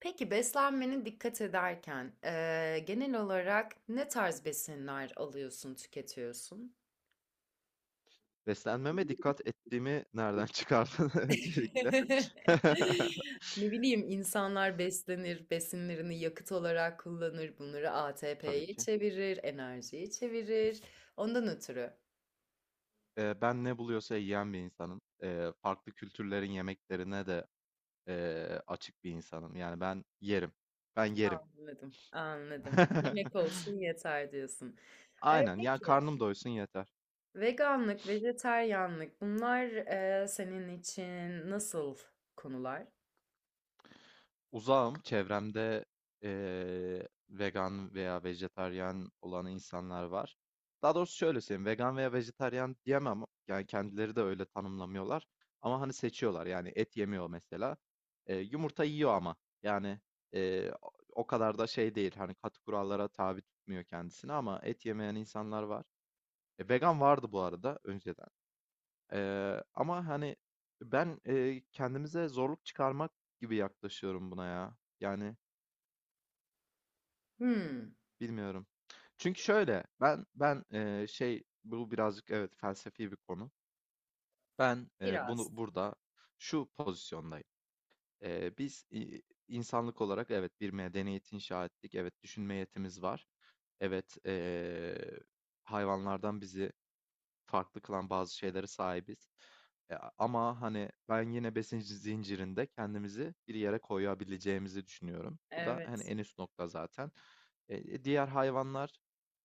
Peki beslenmene dikkat ederken, genel olarak ne tarz besinler alıyorsun, tüketiyorsun? Beslenmeme dikkat ettiğimi nereden çıkardın öncelikle? Ne bileyim, insanlar beslenir, besinlerini yakıt olarak kullanır, bunları Tabii ATP'ye ki. çevirir, enerjiye çevirir. Ondan ötürü. Ben ne buluyorsa yiyen bir insanım. Farklı kültürlerin yemeklerine de açık bir insanım. Yani ben yerim. Ben yerim. Anladım, anladım. Yemek olsun yeter diyorsun. E, Aynen. Yani peki, karnım doysun yeter. veganlık, vejetaryenlik bunlar senin için nasıl konular? Uzağım. Çevremde vegan veya vejetaryen olan insanlar var. Daha doğrusu şöyle söyleyeyim. Vegan veya vejetaryen diyemem. Yani kendileri de öyle tanımlamıyorlar. Ama hani seçiyorlar. Yani et yemiyor mesela. Yumurta yiyor ama. Yani eee, o o kadar da şey değil. Hani katı kurallara tabi tutmuyor kendisini ama et yemeyen insanlar var. E, vegan vardı bu arada önceden. Ama hani ben kendimize zorluk çıkarmak gibi yaklaşıyorum buna ya. Yani Hmm, bilmiyorum. Çünkü şöyle, ben, bu birazcık evet felsefi bir konu. Ben, biraz. bunu burada şu pozisyondayım. Biz, insanlık olarak evet bir medeniyet inşa ettik. Evet, düşünme yetimiz var. Evet, hayvanlardan bizi farklı kılan bazı şeylere sahibiz. Ama hani ben yine besin zincirinde kendimizi bir yere koyabileceğimizi düşünüyorum. Bu da hani Evet, en üst nokta zaten. Eee, diğer hayvanlar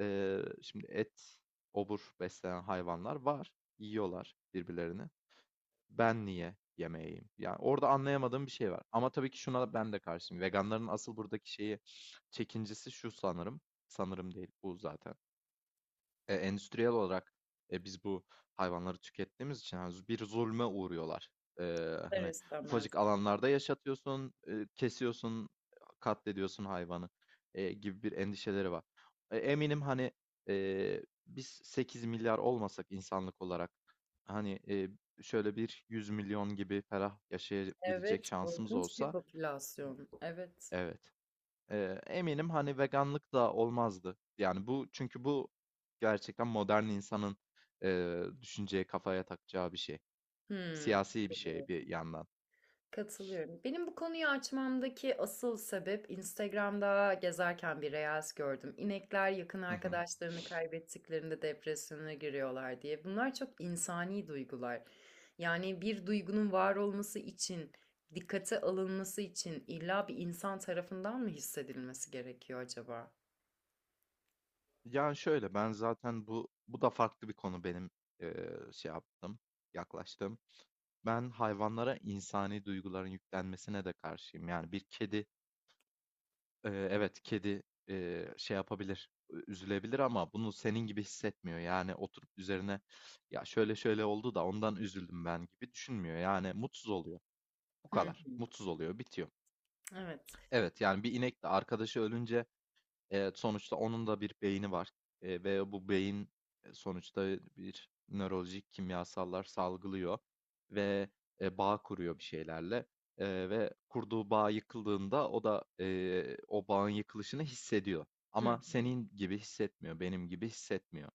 Eee, şimdi et, obur besleyen hayvanlar var. Yiyorlar birbirlerini. Ben niye yemeyeyim? Yani orada anlayamadığım bir şey var. Ama tabii ki şuna ben de karşıyım. Veganların asıl buradaki şeyi, çekincesi şu sanırım. Sanırım değil, bu zaten e, endüstriyel olarak e, biz bu hayvanları tükettiğimiz için hani bir zulme uğruyorlar. E, ister hani istemez. ufacık alanlarda yaşatıyorsun, e, kesiyorsun, katlediyorsun hayvanı e, gibi bir endişeleri var. E, eminim hani e, biz 8 milyar olmasak insanlık olarak hani e, şöyle bir 100 milyon gibi ferah yaşayabilecek Evet, şansımız korkunç bir olsa popülasyon. Evet. evet. Eminim, hani, veganlık da olmazdı. Yani, çünkü bu gerçekten modern insanın, düşünceye, kafaya takacağı bir şey. Hımm. Siyasi bir şey bir Katılıyorum. yandan. Katılıyorum. Benim bu konuyu açmamdaki asıl sebep Instagram'da gezerken bir reels gördüm. İnekler yakın Hı hı. arkadaşlarını kaybettiklerinde depresyona giriyorlar diye. Bunlar çok insani duygular. Yani bir duygunun var olması için, dikkate alınması için illa bir insan tarafından mı hissedilmesi gerekiyor acaba? Ya, şöyle, ben zaten bu da farklı bir konu benim, şey yaptım, yaklaştım. Ben hayvanlara insani duyguların yüklenmesine de karşıyım. Yani, bir kedi. Evet, kedi, şey yapabilir, üzülebilir ama bunu senin gibi hissetmiyor. Yani oturup üzerine, "Ya, şöyle şöyle oldu da ondan üzüldüm ben." gibi düşünmüyor. Yani mutsuz oluyor. Bu Hı kadar. hı. Mutsuz oluyor, bitiyor. Evet. Evet, yani bir inek de arkadaşı ölünce, sonuçta onun da bir beyni var, ve bu beyin, sonuçta bir nörolojik kimyasallar salgılıyor ve, bağ kuruyor bir şeylerle, ve kurduğu bağ yıkıldığında o da, o bağın yıkılışını hissediyor Hı ama hı. senin gibi hissetmiyor, benim gibi hissetmiyor.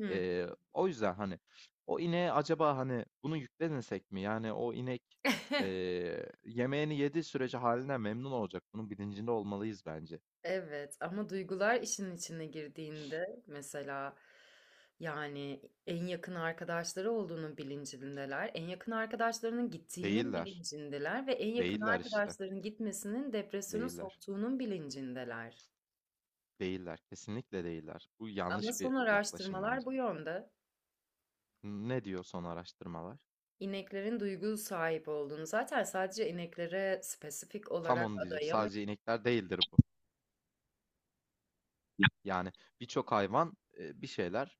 Hı. O yüzden, hani, o ineğe acaba, hani, bunu yüklemesek mi? Yani o inek, yemeğini yediği sürece haline memnun olacak. Bunun bilincinde olmalıyız bence. Evet ama duygular işin içine girdiğinde mesela yani en yakın arkadaşları olduğunun bilincindeler. En yakın arkadaşlarının gittiğinin Değiller. bilincindeler ve en yakın Değiller işte. arkadaşların gitmesinin depresyona Değiller. soktuğunun bilincindeler. Değiller. Kesinlikle değiller. Bu Ama yanlış bir son yaklaşım araştırmalar bence. bu yönde. Ne diyor son araştırmalar? İneklerin duygu sahip olduğunu zaten sadece ineklere spesifik Tam olarak onu diyecek. adayamayız. Sadece inekler değildir bu. Yani birçok hayvan e, bir şeyler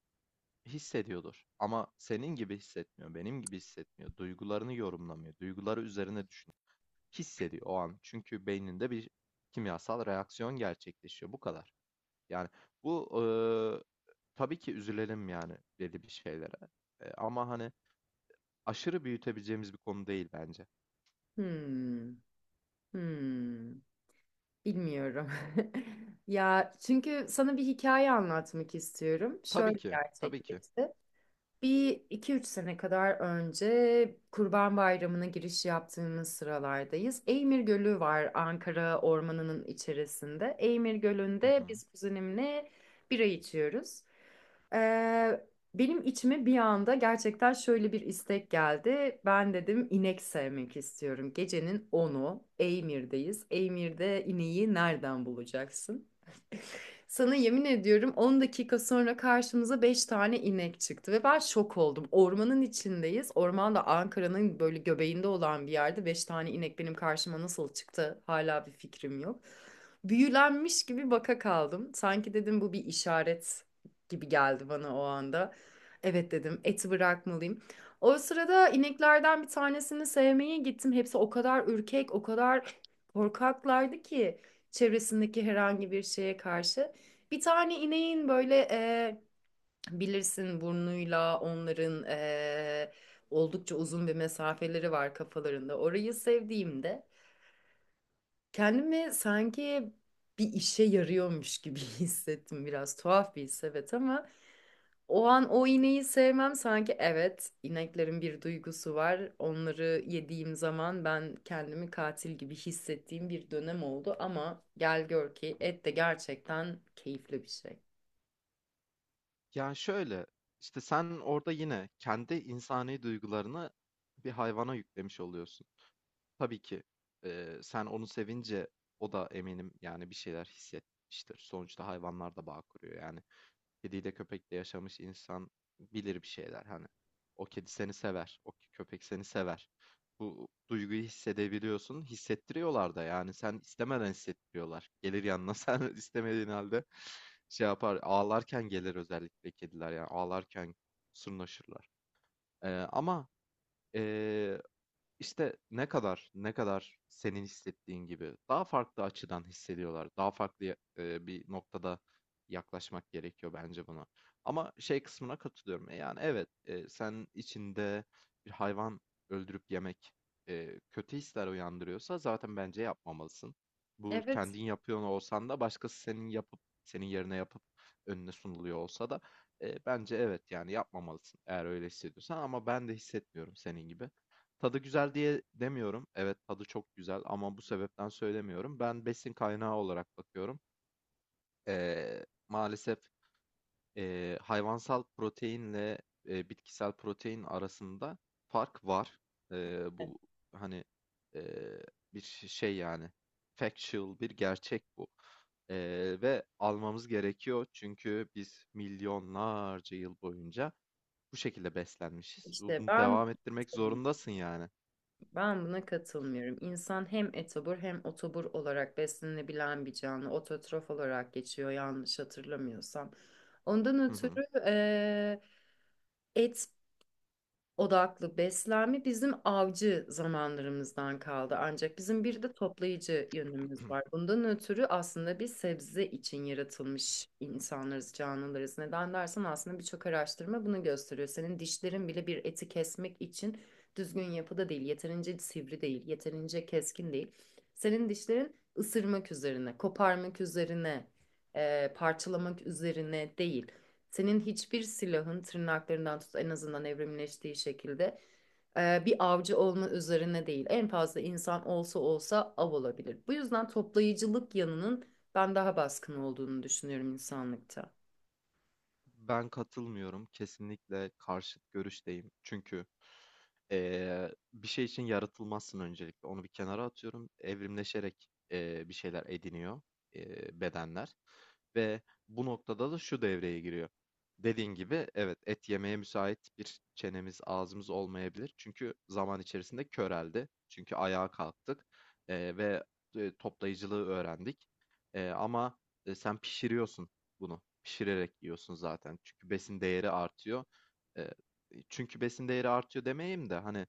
hissediyordur. Ama senin gibi hissetmiyor, benim gibi hissetmiyor. Duygularını yorumlamıyor. Duyguları üzerine düşünüyor. Hissediyor o an. Çünkü beyninde bir kimyasal reaksiyon gerçekleşiyor. Bu kadar. Yani bu e, tabii ki üzülelim yani belli bir şeylere. E, ama hani aşırı büyütebileceğimiz bir konu değil bence. Hmm, hmm. Bilmiyorum. Ya çünkü sana bir hikaye anlatmak istiyorum. Tabii Şöyle ki, tabii ki. gerçekleşti. Bir iki üç sene kadar önce Kurban Bayramı'na giriş yaptığımız sıralardayız. Eymir Gölü var Ankara ormanının içerisinde. Eymir Hı Gölü'nde hı. biz kuzenimle bira içiyoruz. Ee, benim içime bir anda gerçekten şöyle bir istek geldi. Ben dedim inek sevmek istiyorum. Gecenin onu Eymir'deyiz. Eymir'de ineği nereden bulacaksın? Sana yemin ediyorum. 10 dakika sonra karşımıza 5 tane inek çıktı ve ben şok oldum. Ormanın içindeyiz. Orman da Ankara'nın böyle göbeğinde olan bir yerde 5 tane inek benim karşıma nasıl çıktı hala bir fikrim yok. Büyülenmiş gibi baka kaldım. Sanki dedim bu bir işaret gibi geldi bana o anda. Evet dedim, eti bırakmalıyım. O sırada ineklerden bir tanesini sevmeye gittim. Hepsi o kadar ürkek, o kadar korkaklardı ki çevresindeki herhangi bir şeye karşı. Bir tane ineğin böyle bilirsin burnuyla onların oldukça uzun bir mesafeleri var kafalarında. Orayı sevdiğimde kendimi sanki bir işe yarıyormuş gibi hissettim. Biraz tuhaf bir his evet ama. O an o ineği sevmem sanki evet ineklerin bir duygusu var. Onları yediğim zaman ben kendimi katil gibi hissettiğim bir dönem oldu ama gel gör ki et de gerçekten keyifli bir şey. Yani şöyle, işte sen orada yine kendi insani duygularını bir hayvana yüklemiş oluyorsun. Tabii ki sen onu sevince o da eminim yani bir şeyler hissetmiştir. Sonuçta hayvanlar da bağ kuruyor yani. Kediyle köpekle yaşamış insan bilir bir şeyler hani. O kedi seni sever, o köpek seni sever. Bu duyguyu hissedebiliyorsun, hissettiriyorlar da yani sen istemeden hissettiriyorlar. Gelir yanına sen istemediğin halde şey yapar, ağlarken gelir özellikle kediler, yani ağlarken sırnaşırlar. Ama işte ne kadar, ne kadar senin hissettiğin gibi daha farklı açıdan hissediyorlar. Daha farklı e, bir noktada yaklaşmak gerekiyor bence buna. Ama şey kısmına katılıyorum. E, yani evet, e, sen içinde bir hayvan öldürüp yemek e, kötü hisler uyandırıyorsa zaten bence yapmamalısın. Bu Evet. kendin yapıyor olsan da, başkası senin yerine yapıp önüne sunuluyor olsa da e, bence evet yani yapmamalısın eğer öyle hissediyorsan, ama ben de hissetmiyorum senin gibi. Tadı güzel diye demiyorum. Evet, tadı çok güzel ama bu sebepten söylemiyorum. Ben besin kaynağı olarak bakıyorum. Maalesef hayvansal proteinle bitkisel protein arasında fark var. Bu hani eee, bir şey yani factual bir gerçek bu. Ve almamız gerekiyor çünkü biz milyonlarca yıl boyunca bu şekilde beslenmişiz. İşte Bunu ben devam ettirmek zorundasın yani. Buna katılmıyorum. İnsan hem etobur hem otobur olarak beslenebilen bir canlı. Ototrof olarak geçiyor yanlış hatırlamıyorsam. Ondan Hı hı. ötürü eee, et odaklı beslenme bizim avcı zamanlarımızdan kaldı. Ancak bizim bir de toplayıcı yönümüz var. Bundan ötürü aslında bir sebze için yaratılmış insanlarız, canlılarız. Neden dersen aslında birçok araştırma bunu gösteriyor. Senin dişlerin bile bir eti kesmek için düzgün yapıda değil, yeterince sivri değil, yeterince keskin değil. Senin dişlerin ısırmak üzerine, koparmak üzerine, parçalamak üzerine değil. Senin hiçbir silahın tırnaklarından tut en azından evrimleştiği şekilde bir avcı olma üzerine değil. En fazla insan olsa olsa av olabilir. Bu yüzden toplayıcılık yanının ben daha baskın olduğunu düşünüyorum insanlıkta. Ben katılmıyorum. Kesinlikle karşıt görüşteyim. Çünkü bir şey için yaratılmazsın öncelikle. Onu bir kenara atıyorum. Evrimleşerek bir şeyler ediniyor bedenler. Ve bu noktada da şu devreye giriyor. Dediğin gibi evet et yemeye müsait bir çenemiz, ağzımız olmayabilir. Çünkü zaman içerisinde köreldi. Çünkü ayağa kalktık ve e, toplayıcılığı öğrendik. Ama e, sen pişiriyorsun bunu. Pişirerek yiyorsun zaten. Çünkü besin değeri artıyor. Eee, Çünkü besin değeri artıyor demeyeyim de hani,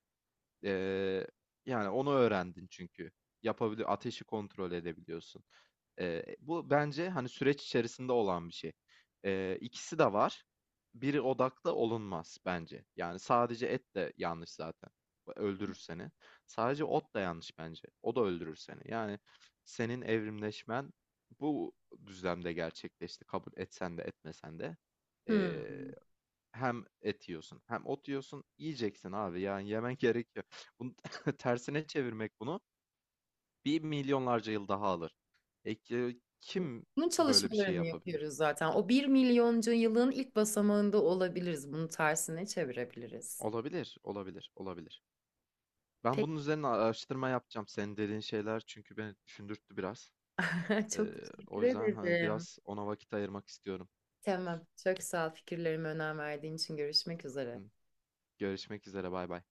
eee, yani onu öğrendin çünkü. Ateşi kontrol edebiliyorsun. Bu bence, hani, süreç içerisinde olan bir şey. İkisi de var. Biri odaklı olunmaz bence. Yani, sadece et de yanlış zaten. Öldürür seni. Sadece ot da yanlış bence. O da öldürür seni. Yani, senin evrimleşmen bu düzlemde gerçekleşti, kabul etsen de etmesen de. Eee, Hmm. Hem et yiyorsun hem ot yiyorsun. Yiyeceksin abi, yani, yemen gerekiyor. Bunun tersine çevirmek bunu bir milyonlarca yıl daha alır. E, kim Bunun böyle bir şey çalışmalarını yapabilir? yapıyoruz zaten. O bir milyoncu yılın ilk basamağında olabiliriz. Bunu tersine çevirebiliriz. Olabilir, olabilir, olabilir. Ben Peki, bunun üzerine araştırma yapacağım. Senin dediğin şeyler çünkü beni düşündürttü biraz. Ee, çok teşekkür o yüzden hani ederim. biraz ona vakit ayırmak istiyorum. Tamam. Çok sağ ol fikirlerime önem verdiğin için. Görüşmek Hı. üzere. Görüşmek üzere, bay bay.